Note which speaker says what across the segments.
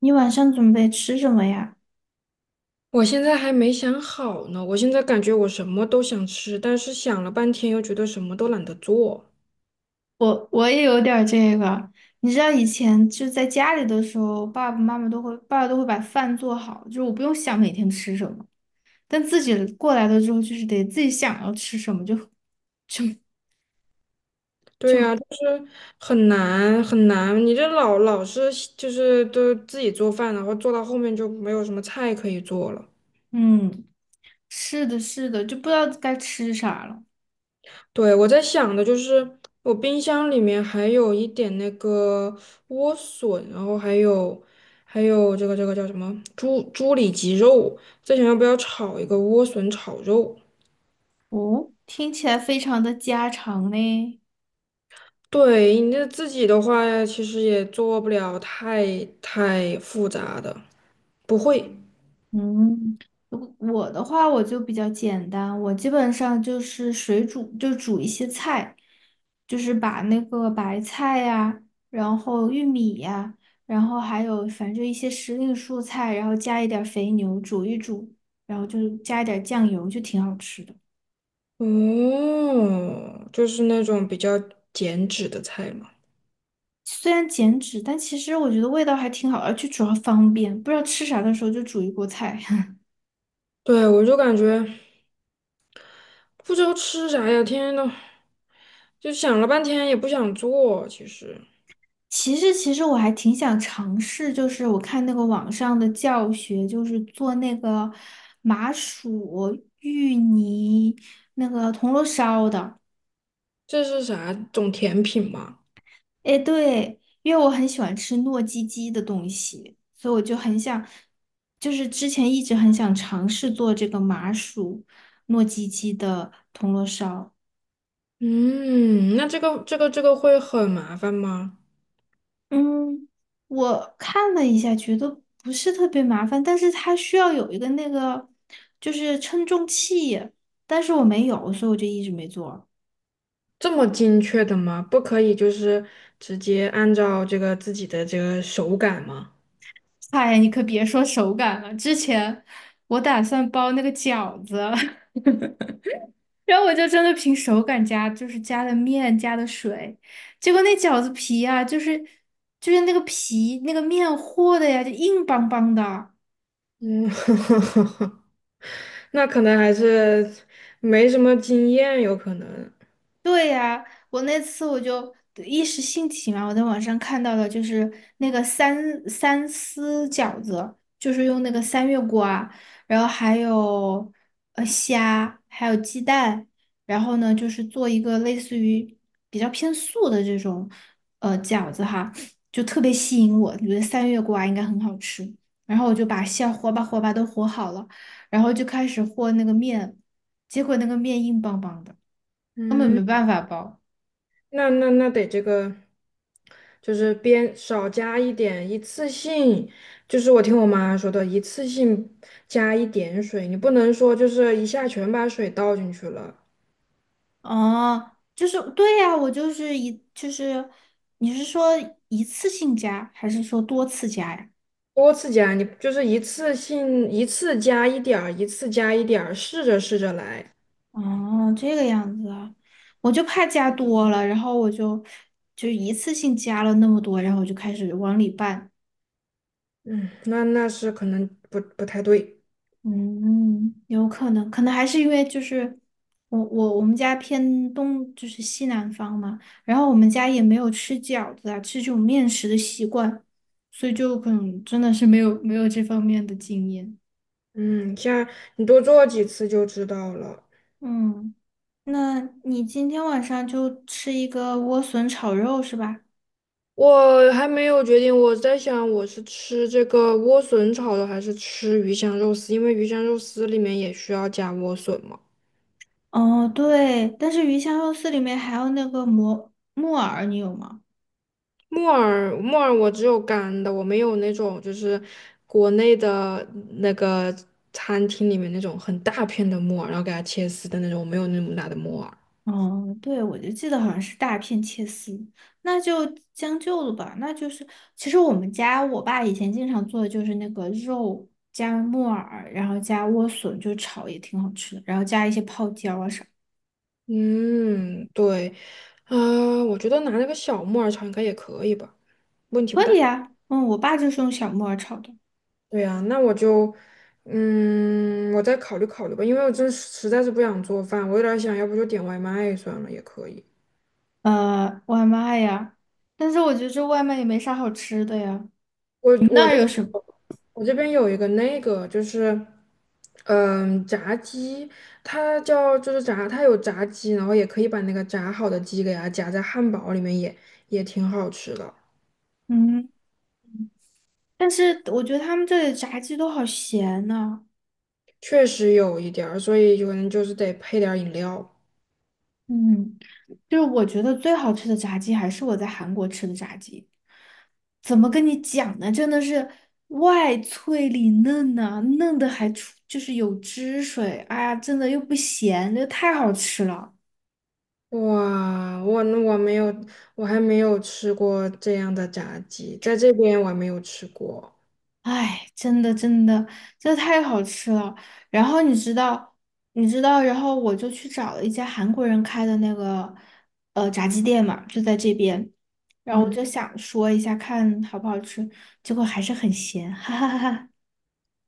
Speaker 1: 你晚上准备吃什么呀？
Speaker 2: 我现在还没想好呢，我现在感觉我什么都想吃，但是想了半天又觉得什么都懒得做。
Speaker 1: 我也有点儿这个，你知道以前就在家里的时候，爸爸都会把饭做好，就是我不用想每天吃什么。但自己过来了之后，就是得自己想要吃什么，就就
Speaker 2: 对
Speaker 1: 就
Speaker 2: 呀，就是很难很难，你这老老是就是都自己做饭，然后做到后面就没有什么菜可以做了。
Speaker 1: 嗯，是的，是的，就不知道该吃啥了。
Speaker 2: 对，我在想的就是我冰箱里面还有一点那个莴笋，然后还有还有这个叫什么猪猪里脊肉，在想要不要炒一个莴笋炒肉。
Speaker 1: 哦，听起来非常的家常呢。
Speaker 2: 对，你这自己的话，其实也做不了太太复杂的，不会。
Speaker 1: 嗯，如我的话我就比较简单，我基本上就是水煮，就煮一些菜，就是把那个白菜呀，然后玉米呀，然后还有反正一些时令蔬菜，然后加一点儿肥牛煮一煮，然后就是加一点儿酱油，就挺好吃的。
Speaker 2: 哦，就是那种比较减脂的菜嘛。
Speaker 1: 虽然减脂，但其实我觉得味道还挺好，而且主要方便，不知道吃啥的时候就煮一锅菜。
Speaker 2: 对，我就感觉不知道吃啥呀，天天都就想了半天也不想做。其实
Speaker 1: 其实我还挺想尝试，就是我看那个网上的教学，就是做那个麻薯芋泥那个铜锣烧的。
Speaker 2: 这是啥种甜品吗？
Speaker 1: 哎，对，因为我很喜欢吃糯叽叽的东西，所以我就很想，就是之前一直很想尝试做这个麻薯糯叽叽的铜锣烧。
Speaker 2: 嗯，那这个会很麻烦吗？
Speaker 1: 嗯，我看了一下，觉得不是特别麻烦，但是它需要有一个就是称重器，但是我没有，所以我就一直没做。
Speaker 2: 这么精确的吗？不可以就是直接按照这个自己的这个手感吗？
Speaker 1: 哎呀，你可别说手感了，之前我打算包那个饺子，然后我就真的凭手感加，就是加的面加的水，结果那饺子皮啊，就是那个皮那个面和的呀，就硬邦邦的。
Speaker 2: 嗯，那可能还是没什么经验，有可能。
Speaker 1: 对呀，我那次我就一时兴起嘛，我在网上看到了，就是那个三丝饺子，就是用那个三月瓜，然后还有虾，还有鸡蛋，然后呢就是做一个类似于比较偏素的这种饺子哈，就特别吸引我，觉得三月瓜应该很好吃，然后我就把馅和吧和吧都和好了，然后就开始和那个面，结果那个面硬邦邦的。根本没
Speaker 2: 嗯，
Speaker 1: 办法包。
Speaker 2: 那那那得这个，就是边少加一点，一次性，就是我听我妈说的，一次性加一点水，你不能说就是一下全把水倒进去了，
Speaker 1: 哦，就是对呀，我就是一就是，你是说一次性加还是说多次加呀？
Speaker 2: 多次加，你就是一次性一次加一点儿，一次加一点儿，试着试着来。
Speaker 1: 哦，这个样子啊，我就怕加多了，然后我就一次性加了那么多，然后我就开始往里拌。
Speaker 2: 嗯，那那是可能不太对。
Speaker 1: 嗯，有可能，可能还是因为就是我们家偏东，就是西南方嘛，然后我们家也没有吃饺子啊，吃这种面食的习惯，所以就可能真的是没有这方面的经验。
Speaker 2: 嗯，下你多做几次就知道了。
Speaker 1: 嗯，那你今天晚上就吃一个莴笋炒肉是吧？
Speaker 2: 我还没有决定，我在想我是吃这个莴笋炒的，还是吃鱼香肉丝，因为鱼香肉丝里面也需要加莴笋嘛。
Speaker 1: 哦，对，但是鱼香肉丝里面还有那个蘑木耳，你有吗？
Speaker 2: 木耳，木耳我只有干的，我没有那种就是国内的那个餐厅里面那种很大片的木耳，然后给它切丝的那种，我没有那么大的木耳。
Speaker 1: 哦，对，我就记得好像是大片切丝，那就将就了吧。那就是，其实我们家我爸以前经常做的就是那个肉加木耳，然后加莴笋，就炒也挺好吃的，然后加一些泡椒啊啥，
Speaker 2: 嗯，对，啊、我觉得拿那个小木耳炒应该也可以吧，问题
Speaker 1: 可
Speaker 2: 不大。
Speaker 1: 以啊。嗯，我爸就是用小木耳炒的。
Speaker 2: 对呀，那我就，嗯，我再考虑考虑吧，因为我真是实在是不想做饭，我有点儿想要不就点外卖算了，也可以。
Speaker 1: 呃，外卖呀，但是我觉得这外卖也没啥好吃的呀。
Speaker 2: 我
Speaker 1: 你们那
Speaker 2: 我
Speaker 1: 儿
Speaker 2: 这
Speaker 1: 有什么？
Speaker 2: 我这边有一个那个就是，嗯，炸鸡，它叫就是炸，它有炸鸡，然后也可以把那个炸好的鸡给它夹在汉堡里面也，也挺好吃的，
Speaker 1: 嗯，但是我觉得他们这里炸鸡都好咸呐、
Speaker 2: 确实有一点儿，所以可能就是得配点儿饮料。
Speaker 1: 嗯。就是我觉得最好吃的炸鸡还是我在韩国吃的炸鸡，怎么跟你讲呢？真的是外脆里嫩呐、嫩的还出就是有汁水，哎呀，真的又不咸，这太好吃了，
Speaker 2: 哇，我那我没有，我还没有吃过这样的炸鸡，在这边我还没有吃过，
Speaker 1: 哎，真的太好吃了。然后你知道，然后我就去找了一家韩国人开的那个炸鸡店嘛，就在这边，然后我
Speaker 2: 嗯，
Speaker 1: 就想说一下看好不好吃，结果还是很咸，哈哈，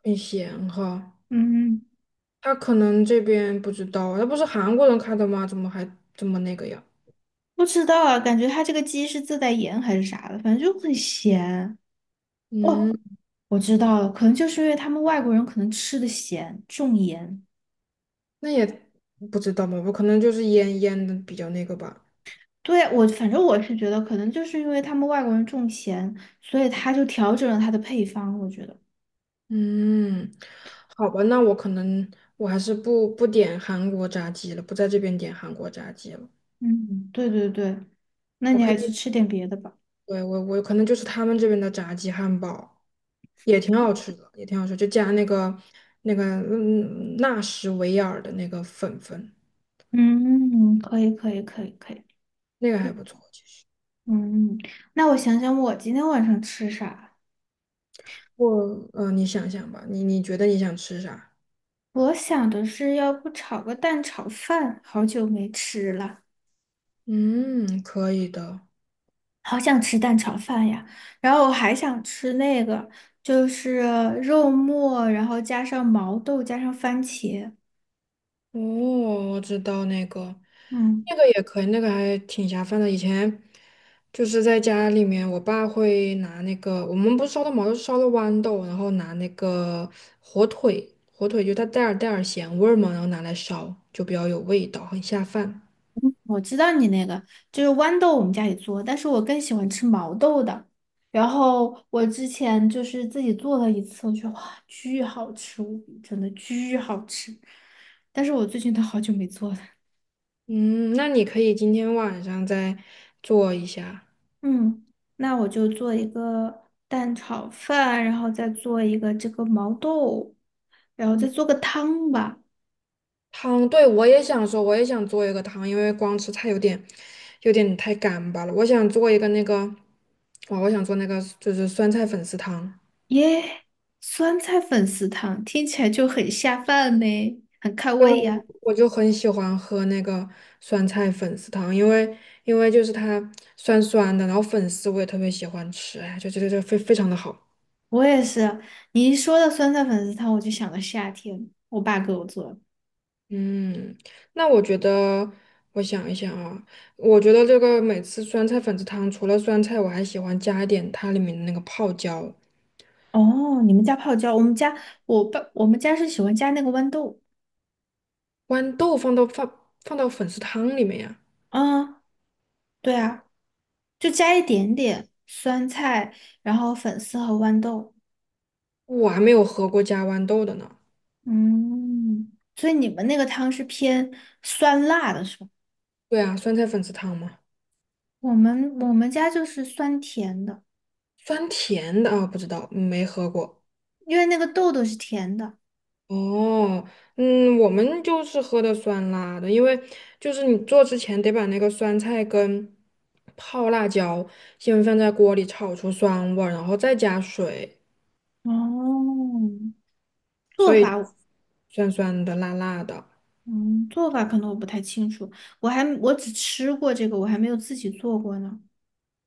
Speaker 2: 很咸哈。
Speaker 1: 嗯。
Speaker 2: 他可能这边不知道，那不是韩国人开的吗？怎么还这么那个呀？
Speaker 1: 不知道啊，感觉它这个鸡是自带盐还是啥的，反正就很咸。哦，
Speaker 2: 嗯，
Speaker 1: 我知道了，可能就是因为他们外国人可能吃的咸，重盐。
Speaker 2: 那也不知道吧，我可能就是腌腌的比较那个吧。
Speaker 1: 对，我反正我是觉得，可能就是因为他们外国人重咸，所以他就调整了他的配方。我觉得，
Speaker 2: 嗯，好吧，那我可能我还是不点韩国炸鸡了，不在这边点韩国炸鸡了。
Speaker 1: 嗯，对对对，那
Speaker 2: 我
Speaker 1: 你
Speaker 2: 可
Speaker 1: 还是
Speaker 2: 以。
Speaker 1: 吃点别的吧。
Speaker 2: 对，我我可能就是他们这边的炸鸡汉堡，也挺好吃的，也挺好吃，就加那个那个纳什维尔的那个粉粉，
Speaker 1: 嗯，可以可以可以可以，
Speaker 2: 那个还
Speaker 1: 嗯
Speaker 2: 不错。其实
Speaker 1: 嗯，那我想想，我今天晚上吃啥？
Speaker 2: 我你想想吧，你你觉得你想吃啥？
Speaker 1: 我想的是，要不炒个蛋炒饭，好久没吃了。
Speaker 2: 嗯，可以的。
Speaker 1: 好想吃蛋炒饭呀，然后我还想吃那个，就是肉末，然后加上毛豆，加上番茄。
Speaker 2: 哦，我知道那个，
Speaker 1: 嗯，
Speaker 2: 那个也可以，那个还挺下饭的。以前就是在家里面，我爸会拿那个，我们不是烧的毛，就是烧的豌豆，然后拿那个火腿，火腿就它带点儿带点儿咸味儿嘛，然后拿来烧，就比较有味道，很下饭。
Speaker 1: 我知道你那个就是豌豆，我们家也做，但是我更喜欢吃毛豆的。然后我之前就是自己做了一次，我觉得哇，巨好吃无比，真的巨好吃。但是我最近都好久没做了。
Speaker 2: 嗯，那你可以今天晚上再做一下。
Speaker 1: 嗯，那我就做一个蛋炒饭，然后再做一个这个毛豆，然后再
Speaker 2: 嗯。
Speaker 1: 做个汤吧。
Speaker 2: 汤，对，我也想说，我也想做一个汤，因为光吃菜有点有点太干巴了。我想做一个那个，哇，我想做那个就是酸菜粉丝汤。
Speaker 1: 耶，酸菜粉丝汤听起来就很下饭呢，很开
Speaker 2: 对，
Speaker 1: 胃呀。
Speaker 2: 我就很喜欢喝那个酸菜粉丝汤，因为因为就是它酸酸的，然后粉丝我也特别喜欢吃，哎，就觉得这非非常的好。
Speaker 1: 我也是，你一说到酸菜粉丝汤，我就想到夏天，我爸给我做的。
Speaker 2: 嗯，那我觉得，我想一想啊，我觉得这个每次酸菜粉丝汤除了酸菜，我还喜欢加一点它里面的那个泡椒。
Speaker 1: 哦，你们家泡椒，我们家我爸我们家是喜欢加那个豌豆。
Speaker 2: 豌豆放到放放到粉丝汤里面呀？
Speaker 1: 嗯，对啊，就加一点点酸菜，然后粉丝和豌豆。
Speaker 2: 我还没有喝过加豌豆的呢。
Speaker 1: 嗯，所以你们那个汤是偏酸辣的是吧？
Speaker 2: 对啊，酸菜粉丝汤吗？
Speaker 1: 我们家就是酸甜的，
Speaker 2: 酸甜的啊，不知道，没喝过。
Speaker 1: 因为那个豆豆是甜的。
Speaker 2: 哦，嗯，我们就是喝的酸辣的，因为就是你做之前得把那个酸菜跟泡辣椒先放在锅里炒出酸味儿，然后再加水，
Speaker 1: 哦，做法我
Speaker 2: 酸酸的、辣辣的。
Speaker 1: 嗯，做法可能我不太清楚，我只吃过这个，我还没有自己做过呢。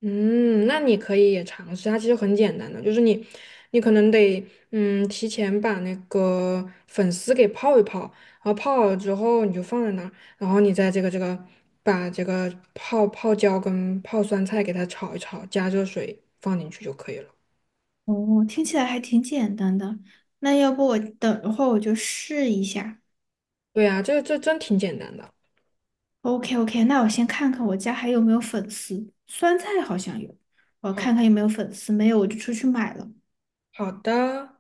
Speaker 2: 嗯，那你可以也尝试，它其实很简单的，就是你，你可能得，嗯，提前把那个粉丝给泡一泡，然后泡好了之后你就放在那儿，然后你再这个把这个泡泡椒跟泡酸菜给它炒一炒，加热水放进去就可以了。
Speaker 1: 哦，听起来还挺简单的。那要不我等一会儿我就试一下。
Speaker 2: 对呀，这这真挺简单的。
Speaker 1: OK OK，那我先看看我家还有没有粉丝，酸菜好像有，我
Speaker 2: 好，
Speaker 1: 看看有没有粉丝，没有我就出去买了。
Speaker 2: 好的。